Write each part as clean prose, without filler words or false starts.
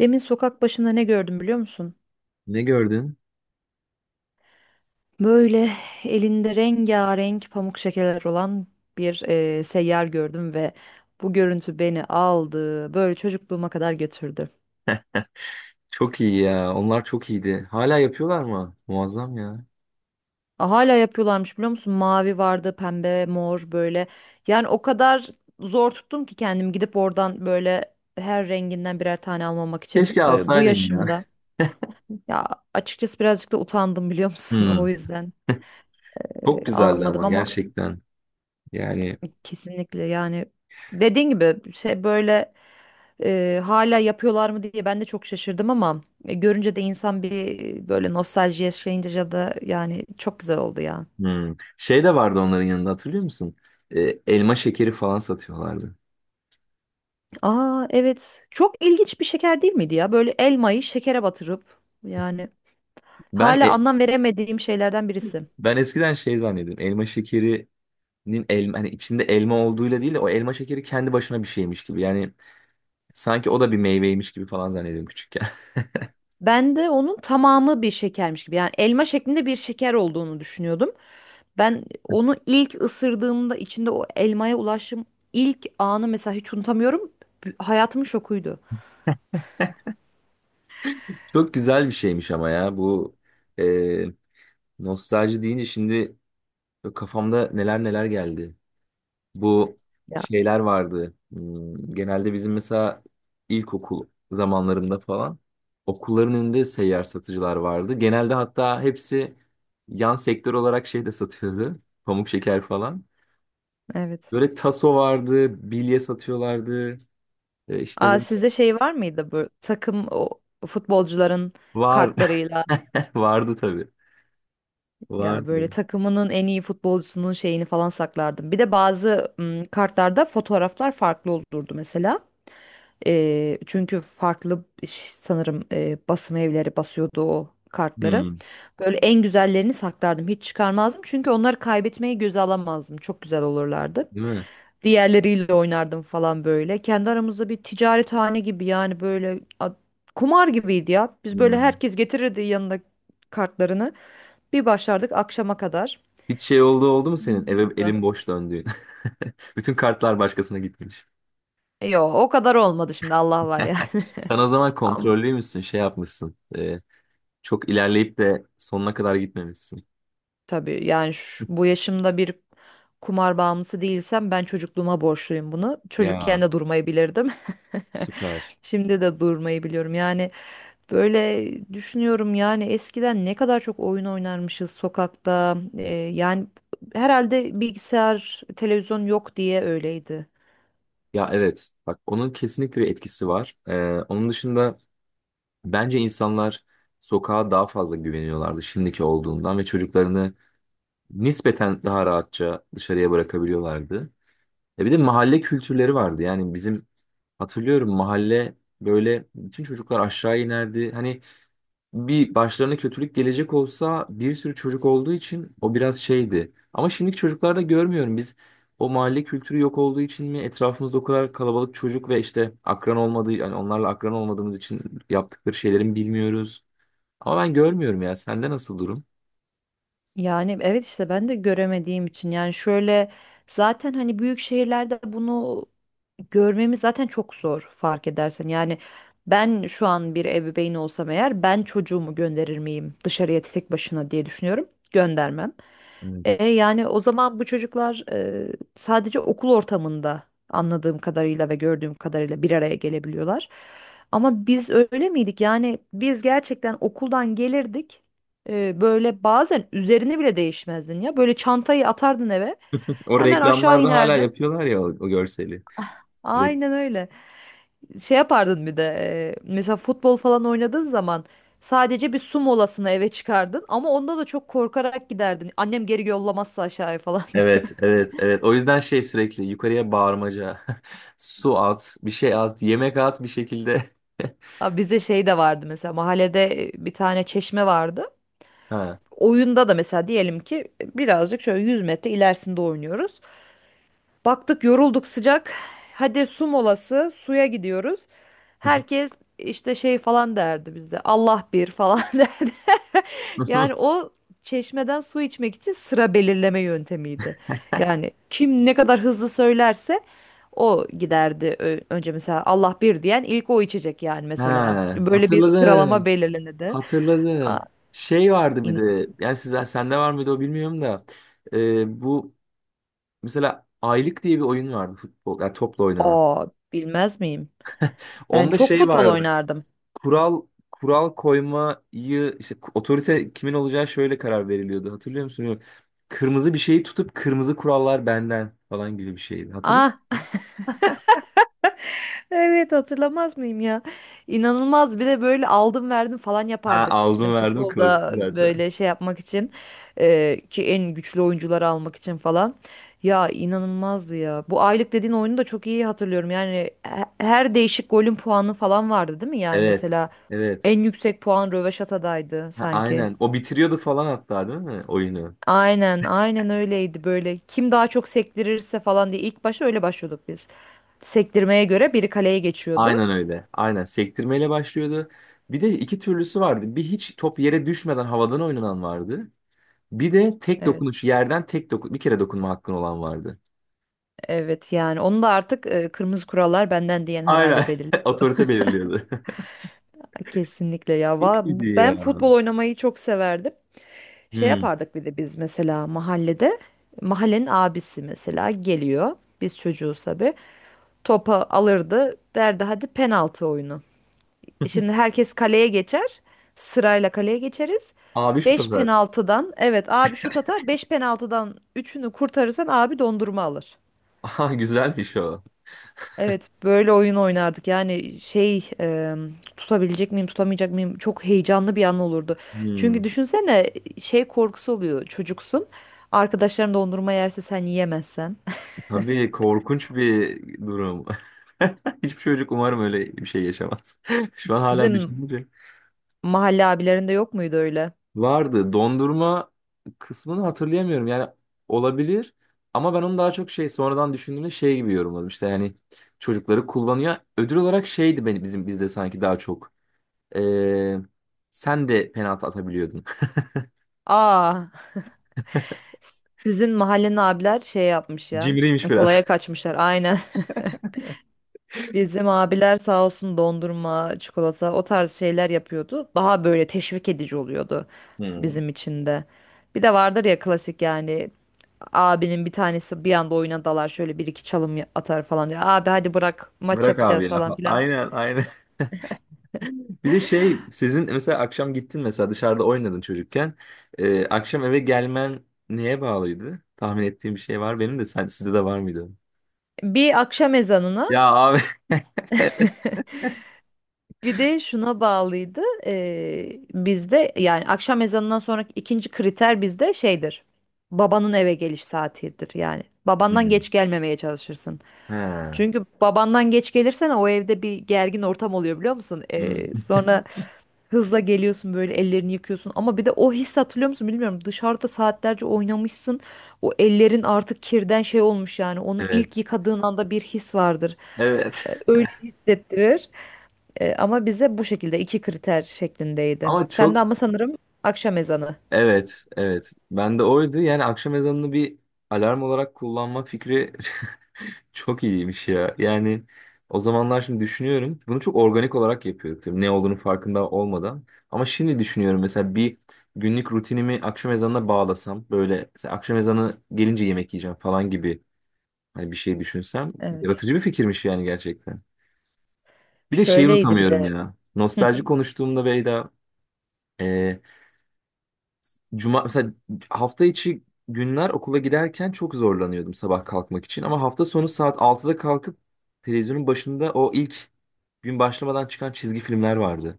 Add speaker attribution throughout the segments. Speaker 1: Demin sokak başında ne gördüm biliyor musun?
Speaker 2: Ne gördün?
Speaker 1: Böyle elinde rengarenk pamuk şekerler olan bir seyyar gördüm ve bu görüntü beni aldı. Böyle çocukluğuma kadar götürdü.
Speaker 2: Çok iyi ya. Onlar çok iyiydi. Hala yapıyorlar mı? Muazzam ya.
Speaker 1: Aa, hala yapıyorlarmış biliyor musun? Mavi vardı, pembe, mor böyle. Yani o kadar zor tuttum ki kendim gidip oradan böyle her renginden birer tane almamak için
Speaker 2: Keşke
Speaker 1: bu
Speaker 2: alsaydın ya.
Speaker 1: yaşımda. Ya, açıkçası birazcık da utandım biliyor musun?
Speaker 2: Hmm.
Speaker 1: O yüzden
Speaker 2: Çok güzeldi
Speaker 1: almadım
Speaker 2: ama
Speaker 1: ama...
Speaker 2: gerçekten. Yani.
Speaker 1: Kesinlikle yani dediğin gibi şey böyle hala yapıyorlar mı diye ben de çok şaşırdım, ama görünce de insan bir böyle nostalji yaşayınca ya da yani çok güzel oldu ya.
Speaker 2: Hmm. Şey de vardı onların yanında hatırlıyor musun? Ee, Elma şekeri falan satıyorlardı.
Speaker 1: Aa, evet, çok ilginç bir şeker değil miydi ya, böyle elmayı şekere batırıp, yani
Speaker 2: Ben
Speaker 1: hala
Speaker 2: e-
Speaker 1: anlam veremediğim şeylerden birisi.
Speaker 2: ben eskiden şey zannediyordum. Elma şekerinin elma hani içinde elma olduğuyla değil de o elma şekeri kendi başına bir şeymiş gibi. Yani sanki o da bir meyveymiş gibi falan zannediyordum küçükken.
Speaker 1: Ben de onun tamamı bir şekermiş gibi, yani elma şeklinde bir şeker olduğunu düşünüyordum. Ben onu ilk ısırdığımda içinde o elmaya ulaştığım ilk anı mesela hiç unutamıyorum. Hayatımın şokuydu.
Speaker 2: Çok güzel bir şeymiş ama ya bu e, nostalji deyince şimdi böyle kafamda neler neler geldi. Bu
Speaker 1: Ya,
Speaker 2: şeyler vardı. Hmm. Genelde bizim mesela ilkokul zamanlarında falan okulların önünde seyyar satıcılar vardı. Genelde hatta hepsi yan sektör olarak şey de satıyordu. Pamuk şeker falan.
Speaker 1: evet.
Speaker 2: Böyle taso vardı, bilye satıyorlardı. İşte
Speaker 1: Aa,
Speaker 2: böyle-
Speaker 1: sizde şey var mıydı, bu takım, o futbolcuların
Speaker 2: Var.
Speaker 1: kartlarıyla?
Speaker 2: Vardı tabii.
Speaker 1: Ya,
Speaker 2: Vardı.
Speaker 1: böyle takımının en iyi futbolcusunun şeyini falan saklardım. Bir de bazı kartlarda fotoğraflar farklı olurdu mesela. Çünkü farklı sanırım basım evleri basıyordu o kartları.
Speaker 2: Hmm.
Speaker 1: Böyle en güzellerini saklardım. Hiç çıkarmazdım. Çünkü onları kaybetmeyi göze alamazdım. Çok güzel olurlardı.
Speaker 2: Değil mi?
Speaker 1: Diğerleriyle oynardım falan böyle. Kendi aramızda bir ticarethane gibi, yani böyle kumar gibiydi ya. Biz böyle,
Speaker 2: Hmm.
Speaker 1: herkes getirirdi yanında kartlarını. Bir başlardık akşama kadar.
Speaker 2: Hiç şey oldu mu senin? Eve elin boş döndüğün. Bütün kartlar başkasına gitmiş.
Speaker 1: Yo, o kadar olmadı şimdi, Allah var ya.
Speaker 2: Sen o zaman kontrollü müsün? Şey yapmışsın. Çok ilerleyip de sonuna kadar gitmemişsin.
Speaker 1: Tabii, yani bu yaşımda bir kumar bağımlısı değilsem ben çocukluğuma borçluyum bunu.
Speaker 2: Ya,
Speaker 1: Çocukken de durmayı bilirdim.
Speaker 2: süper.
Speaker 1: Şimdi de durmayı biliyorum. Yani böyle düşünüyorum, yani eskiden ne kadar çok oyun oynarmışız sokakta. Yani herhalde bilgisayar, televizyon yok diye öyleydi.
Speaker 2: Ya, evet. Bak onun kesinlikle bir etkisi var. Onun dışında bence insanlar sokağa daha fazla güveniyorlardı şimdiki olduğundan ve çocuklarını nispeten daha rahatça dışarıya bırakabiliyorlardı. Bir de mahalle kültürleri vardı. Yani bizim hatırlıyorum mahalle böyle bütün çocuklar aşağı inerdi. Hani bir başlarına kötülük gelecek olsa bir sürü çocuk olduğu için o biraz şeydi. Ama şimdiki çocuklarda görmüyorum biz o mahalle kültürü yok olduğu için mi etrafımızda o kadar kalabalık çocuk ve işte akran olmadığı yani onlarla akran olmadığımız için yaptıkları şeylerin bilmiyoruz. Ama ben görmüyorum ya. Sende nasıl durum?
Speaker 1: Yani evet, işte ben de göremediğim için, yani şöyle, zaten hani büyük şehirlerde bunu görmemiz zaten çok zor fark edersen. Yani ben şu an bir ebeveyn olsam eğer, ben çocuğumu gönderir miyim dışarıya tek başına diye düşünüyorum. Göndermem.
Speaker 2: Evet.
Speaker 1: Yani o zaman bu çocuklar sadece okul ortamında, anladığım kadarıyla ve gördüğüm kadarıyla, bir araya gelebiliyorlar. Ama biz öyle miydik? Yani biz gerçekten okuldan gelirdik, böyle bazen üzerine bile değişmezdin ya. Böyle çantayı atardın eve.
Speaker 2: O
Speaker 1: Hemen aşağı
Speaker 2: reklamlarda hala
Speaker 1: inerdin.
Speaker 2: yapıyorlar ya o görseli. Re-
Speaker 1: Aynen öyle. Şey yapardın bir de, mesela futbol falan oynadığın zaman sadece bir su molasına eve çıkardın, ama onda da çok korkarak giderdin. Annem geri yollamazsa aşağıya falan diye.
Speaker 2: Evet, evet, evet. O yüzden şey sürekli yukarıya bağırmaca. Su at, bir şey at, yemek at bir şekilde.
Speaker 1: Abi, bizde şey de vardı mesela, mahallede bir tane çeşme vardı.
Speaker 2: Ha.
Speaker 1: Oyunda da mesela diyelim ki birazcık şöyle 100 metre ilerisinde oynuyoruz. Baktık yorulduk, sıcak. Hadi su molası, suya gidiyoruz. Herkes işte şey falan derdi bizde. Allah bir falan derdi. Yani o çeşmeden su içmek için sıra belirleme yöntemiydi. Yani kim ne kadar hızlı söylerse o giderdi. Önce mesela Allah bir diyen ilk o içecek yani,
Speaker 2: He,
Speaker 1: mesela. Böyle bir sıralama
Speaker 2: hatırladım.
Speaker 1: belirlenirdi. Aa,
Speaker 2: Hatırladım. Şey vardı bir
Speaker 1: in-
Speaker 2: de. Yani sizden sende var mıydı o bilmiyorum da. Bu mesela Aylık diye bir oyun vardı futbol. Yani topla oynanan.
Speaker 1: Aa, bilmez miyim? Ben
Speaker 2: Onda
Speaker 1: çok
Speaker 2: şey
Speaker 1: futbol
Speaker 2: vardı.
Speaker 1: oynardım.
Speaker 2: Kural kural koymayı işte otorite kimin olacağı şöyle karar veriliyordu. Hatırlıyor musun? Bilmiyorum. Kırmızı bir şeyi tutup kırmızı kurallar benden falan gibi bir şeydi. Hatırlıyor musun?
Speaker 1: Ah, evet, hatırlamaz mıyım ya? İnanılmaz, bir de böyle aldım verdim falan
Speaker 2: Ha,
Speaker 1: yapardık.
Speaker 2: aldım verdim klasik
Speaker 1: Futbolda
Speaker 2: zaten.
Speaker 1: böyle şey yapmak için, ki en güçlü oyuncuları almak için falan. Ya inanılmazdı ya. Bu aylık dediğin oyunu da çok iyi hatırlıyorum. Yani her değişik golün puanı falan vardı değil mi? Yani
Speaker 2: Evet.
Speaker 1: mesela
Speaker 2: Evet.
Speaker 1: en yüksek puan röveşatadaydı
Speaker 2: Ha,
Speaker 1: sanki.
Speaker 2: aynen. O bitiriyordu falan hatta değil mi oyunu?
Speaker 1: Aynen, aynen öyleydi böyle. Kim daha çok sektirirse falan diye ilk başta öyle başlıyorduk biz. Sektirmeye göre biri kaleye geçiyordu.
Speaker 2: Aynen öyle. Aynen sektirmeyle başlıyordu. Bir de iki türlüsü vardı. Bir hiç top yere düşmeden havadan oynanan vardı. Bir de tek
Speaker 1: Evet.
Speaker 2: dokunuş yerden tek dokun bir kere dokunma hakkın olan vardı.
Speaker 1: Evet, yani onu da artık kırmızı kurallar benden diyen
Speaker 2: Aynen.
Speaker 1: herhalde belirliyor.
Speaker 2: Otorite belirliyordu.
Speaker 1: Ay, kesinlikle ya.
Speaker 2: Çok iyiydi ya.
Speaker 1: Ben futbol oynamayı çok severdim. Şey
Speaker 2: Hmm.
Speaker 1: yapardık bir de biz, mesela mahallede, mahallenin abisi mesela geliyor. Biz çocuğuz tabii. Topa alırdı, derdi hadi penaltı oyunu. Şimdi herkes kaleye geçer. Sırayla kaleye geçeriz.
Speaker 2: Abi şu
Speaker 1: 5
Speaker 2: sefer.
Speaker 1: penaltıdan, evet abi şut atar, 5 penaltıdan üçünü kurtarırsan abi dondurma alır.
Speaker 2: Aha güzelmiş o.
Speaker 1: Evet, böyle oyun oynardık. Yani şey, tutabilecek miyim, tutamayacak mıyım? Çok heyecanlı bir an olurdu.
Speaker 2: Hmm.
Speaker 1: Çünkü düşünsene, şey korkusu oluyor. Çocuksun. Arkadaşların dondurma yerse sen yiyemezsen.
Speaker 2: Tabii korkunç bir durum. Hiçbir çocuk umarım öyle bir şey yaşamaz. Şu an hala
Speaker 1: Sizin
Speaker 2: düşününce.
Speaker 1: mahalle abilerinde yok muydu öyle?
Speaker 2: Vardı. Dondurma kısmını hatırlayamıyorum. Yani olabilir ama ben onu daha çok şey sonradan düşündüğümde şey gibi yorumladım. İşte yani çocukları kullanıyor. Ödül olarak şeydi benim bizim bizde sanki daha çok. Ee, Sen de penaltı atabiliyordun.
Speaker 1: Aa. Sizin mahallenin abiler şey yapmış ya.
Speaker 2: Cimriymiş biraz.
Speaker 1: Kolaya kaçmışlar aynen. Bizim abiler sağ olsun, dondurma, çikolata, o tarz şeyler yapıyordu. Daha böyle teşvik edici oluyordu
Speaker 2: Hmm.
Speaker 1: bizim için de. Bir de vardır ya, klasik yani, abinin bir tanesi bir anda oyuna dalar, şöyle bir iki çalım atar falan diye. Abi, hadi bırak, maç
Speaker 2: Bırak
Speaker 1: yapacağız
Speaker 2: abi ya.
Speaker 1: falan filan.
Speaker 2: Aynen, aynen. Bir de şey sizin mesela akşam gittin mesela dışarıda oynadın çocukken. Akşam eve gelmen neye bağlıydı? Tahmin ettiğim bir şey var benim de sen sizde de var mıydı?
Speaker 1: Bir akşam ezanına.
Speaker 2: Ya, abi.
Speaker 1: Bir de şuna bağlıydı. Bizde yani akşam ezanından sonraki ikinci kriter bizde şeydir. Babanın eve geliş saatidir yani. Babandan
Speaker 2: Hmm.
Speaker 1: geç gelmemeye çalışırsın.
Speaker 2: He.
Speaker 1: Çünkü babandan geç gelirsen o evde bir gergin ortam oluyor biliyor musun?
Speaker 2: Hmm,
Speaker 1: Sonra hızla geliyorsun, böyle ellerini yıkıyorsun. Ama bir de o his, hatırlıyor musun bilmiyorum. Dışarıda saatlerce oynamışsın. O ellerin artık kirden şey olmuş yani. Onu
Speaker 2: evet.
Speaker 1: ilk yıkadığın anda bir his vardır,
Speaker 2: Evet.
Speaker 1: öyle hissettirir. Ama bize bu şekilde iki kriter şeklindeydi.
Speaker 2: Ama
Speaker 1: Sen de
Speaker 2: çok
Speaker 1: ama sanırım, akşam ezanı.
Speaker 2: evet, evet. Ben de oydu. Yani akşam ezanını bir alarm olarak kullanma fikri çok iyiymiş ya. Yani o zamanlar şimdi düşünüyorum. Bunu çok organik olarak yapıyorduk tabii ne olduğunu farkında olmadan. Ama şimdi düşünüyorum mesela bir günlük rutinimi akşam ezanına bağlasam böyle mesela akşam ezanı gelince yemek yiyeceğim falan gibi hani bir şey düşünsem
Speaker 1: Evet.
Speaker 2: yaratıcı bir fikirmiş yani gerçekten. Bir de şeyi
Speaker 1: Şöyleydi bir
Speaker 2: unutamıyorum
Speaker 1: de.
Speaker 2: ya.
Speaker 1: Hı,
Speaker 2: Nostalji konuştuğumda Beyda, e, Cuma mesela hafta içi günler okula giderken çok zorlanıyordum sabah kalkmak için ama hafta sonu saat 6'da kalkıp televizyonun başında o ilk gün başlamadan çıkan çizgi filmler vardı.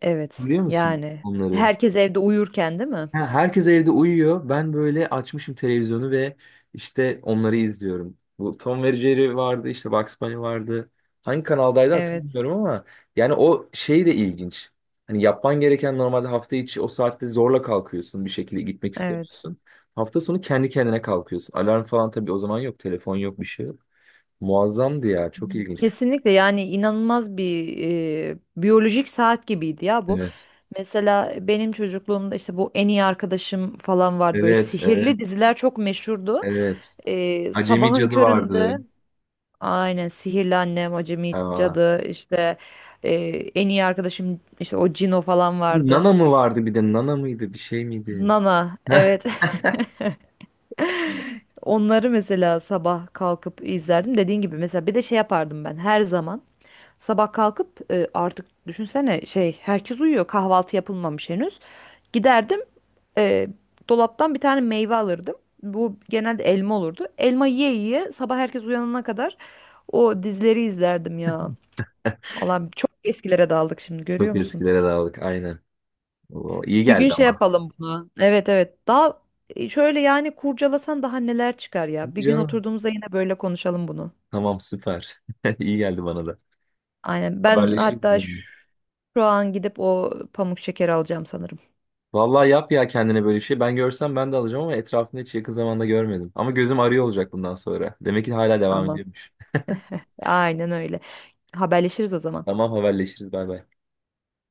Speaker 1: evet.
Speaker 2: Biliyor musun
Speaker 1: Yani
Speaker 2: onları?
Speaker 1: herkes evde uyurken değil mi?
Speaker 2: Ha, herkes evde uyuyor. Ben böyle açmışım televizyonu ve işte onları izliyorum. Bu Tom ve Jerry vardı, işte Bugs Bunny vardı. Hangi kanaldaydı
Speaker 1: Evet.
Speaker 2: hatırlamıyorum ama yani o şey de ilginç. Hani yapman gereken normalde hafta içi o saatte zorla kalkıyorsun bir şekilde gitmek
Speaker 1: Evet.
Speaker 2: istemiyorsun. Hafta sonu kendi kendine kalkıyorsun. Alarm falan tabii o zaman yok, telefon yok, bir şey yok. Muazzamdı ya, çok ilginç.
Speaker 1: Kesinlikle, yani inanılmaz bir, biyolojik saat gibiydi ya bu.
Speaker 2: Evet.
Speaker 1: Mesela benim çocukluğumda işte bu, en iyi arkadaşım falan var, böyle
Speaker 2: Evet, evet,
Speaker 1: sihirli diziler çok meşhurdu.
Speaker 2: evet. Acemi
Speaker 1: Sabahın
Speaker 2: Cadı vardı.
Speaker 1: köründe, aynen, sihirli annem, acemi
Speaker 2: Ha.
Speaker 1: cadı işte, e, en iyi arkadaşım, işte o Cino falan
Speaker 2: Bir
Speaker 1: vardı.
Speaker 2: Nana mı vardı bir de Nana mıydı bir şey miydi?
Speaker 1: Nana, evet. Onları mesela sabah kalkıp izlerdim, dediğin gibi, mesela bir de şey yapardım ben her zaman, sabah kalkıp artık düşünsene, şey, herkes uyuyor, kahvaltı yapılmamış henüz, giderdim e, dolaptan bir tane meyve alırdım, bu genelde elma olurdu, elma yiye yiye, sabah herkes uyanana kadar o dizileri izlerdim ya. Allah'ım, çok eskilere daldık şimdi,
Speaker 2: Çok
Speaker 1: görüyor musun?
Speaker 2: eskilere dağıldık aynen. O iyi
Speaker 1: Bir gün
Speaker 2: geldi
Speaker 1: şey
Speaker 2: ama.
Speaker 1: yapalım bunu. Evet, evet. Daha şöyle yani, kurcalasan daha neler çıkar
Speaker 2: İyi
Speaker 1: ya. Bir gün
Speaker 2: canım.
Speaker 1: oturduğumuzda yine böyle konuşalım bunu.
Speaker 2: Tamam, süper. İyi geldi bana da.
Speaker 1: Aynen. Ben
Speaker 2: Haberleşiriz
Speaker 1: hatta
Speaker 2: bununla.
Speaker 1: şu an gidip o pamuk şeker alacağım sanırım.
Speaker 2: Vallahi yap ya kendine böyle bir şey. Ben görsem ben de alacağım ama etrafında hiç yakın zamanda görmedim. Ama gözüm arıyor olacak bundan sonra. Demek ki hala devam
Speaker 1: Tamam.
Speaker 2: ediyormuş.
Speaker 1: Aynen öyle. Haberleşiriz o zaman.
Speaker 2: Tamam, haberleşiriz. Bay bay.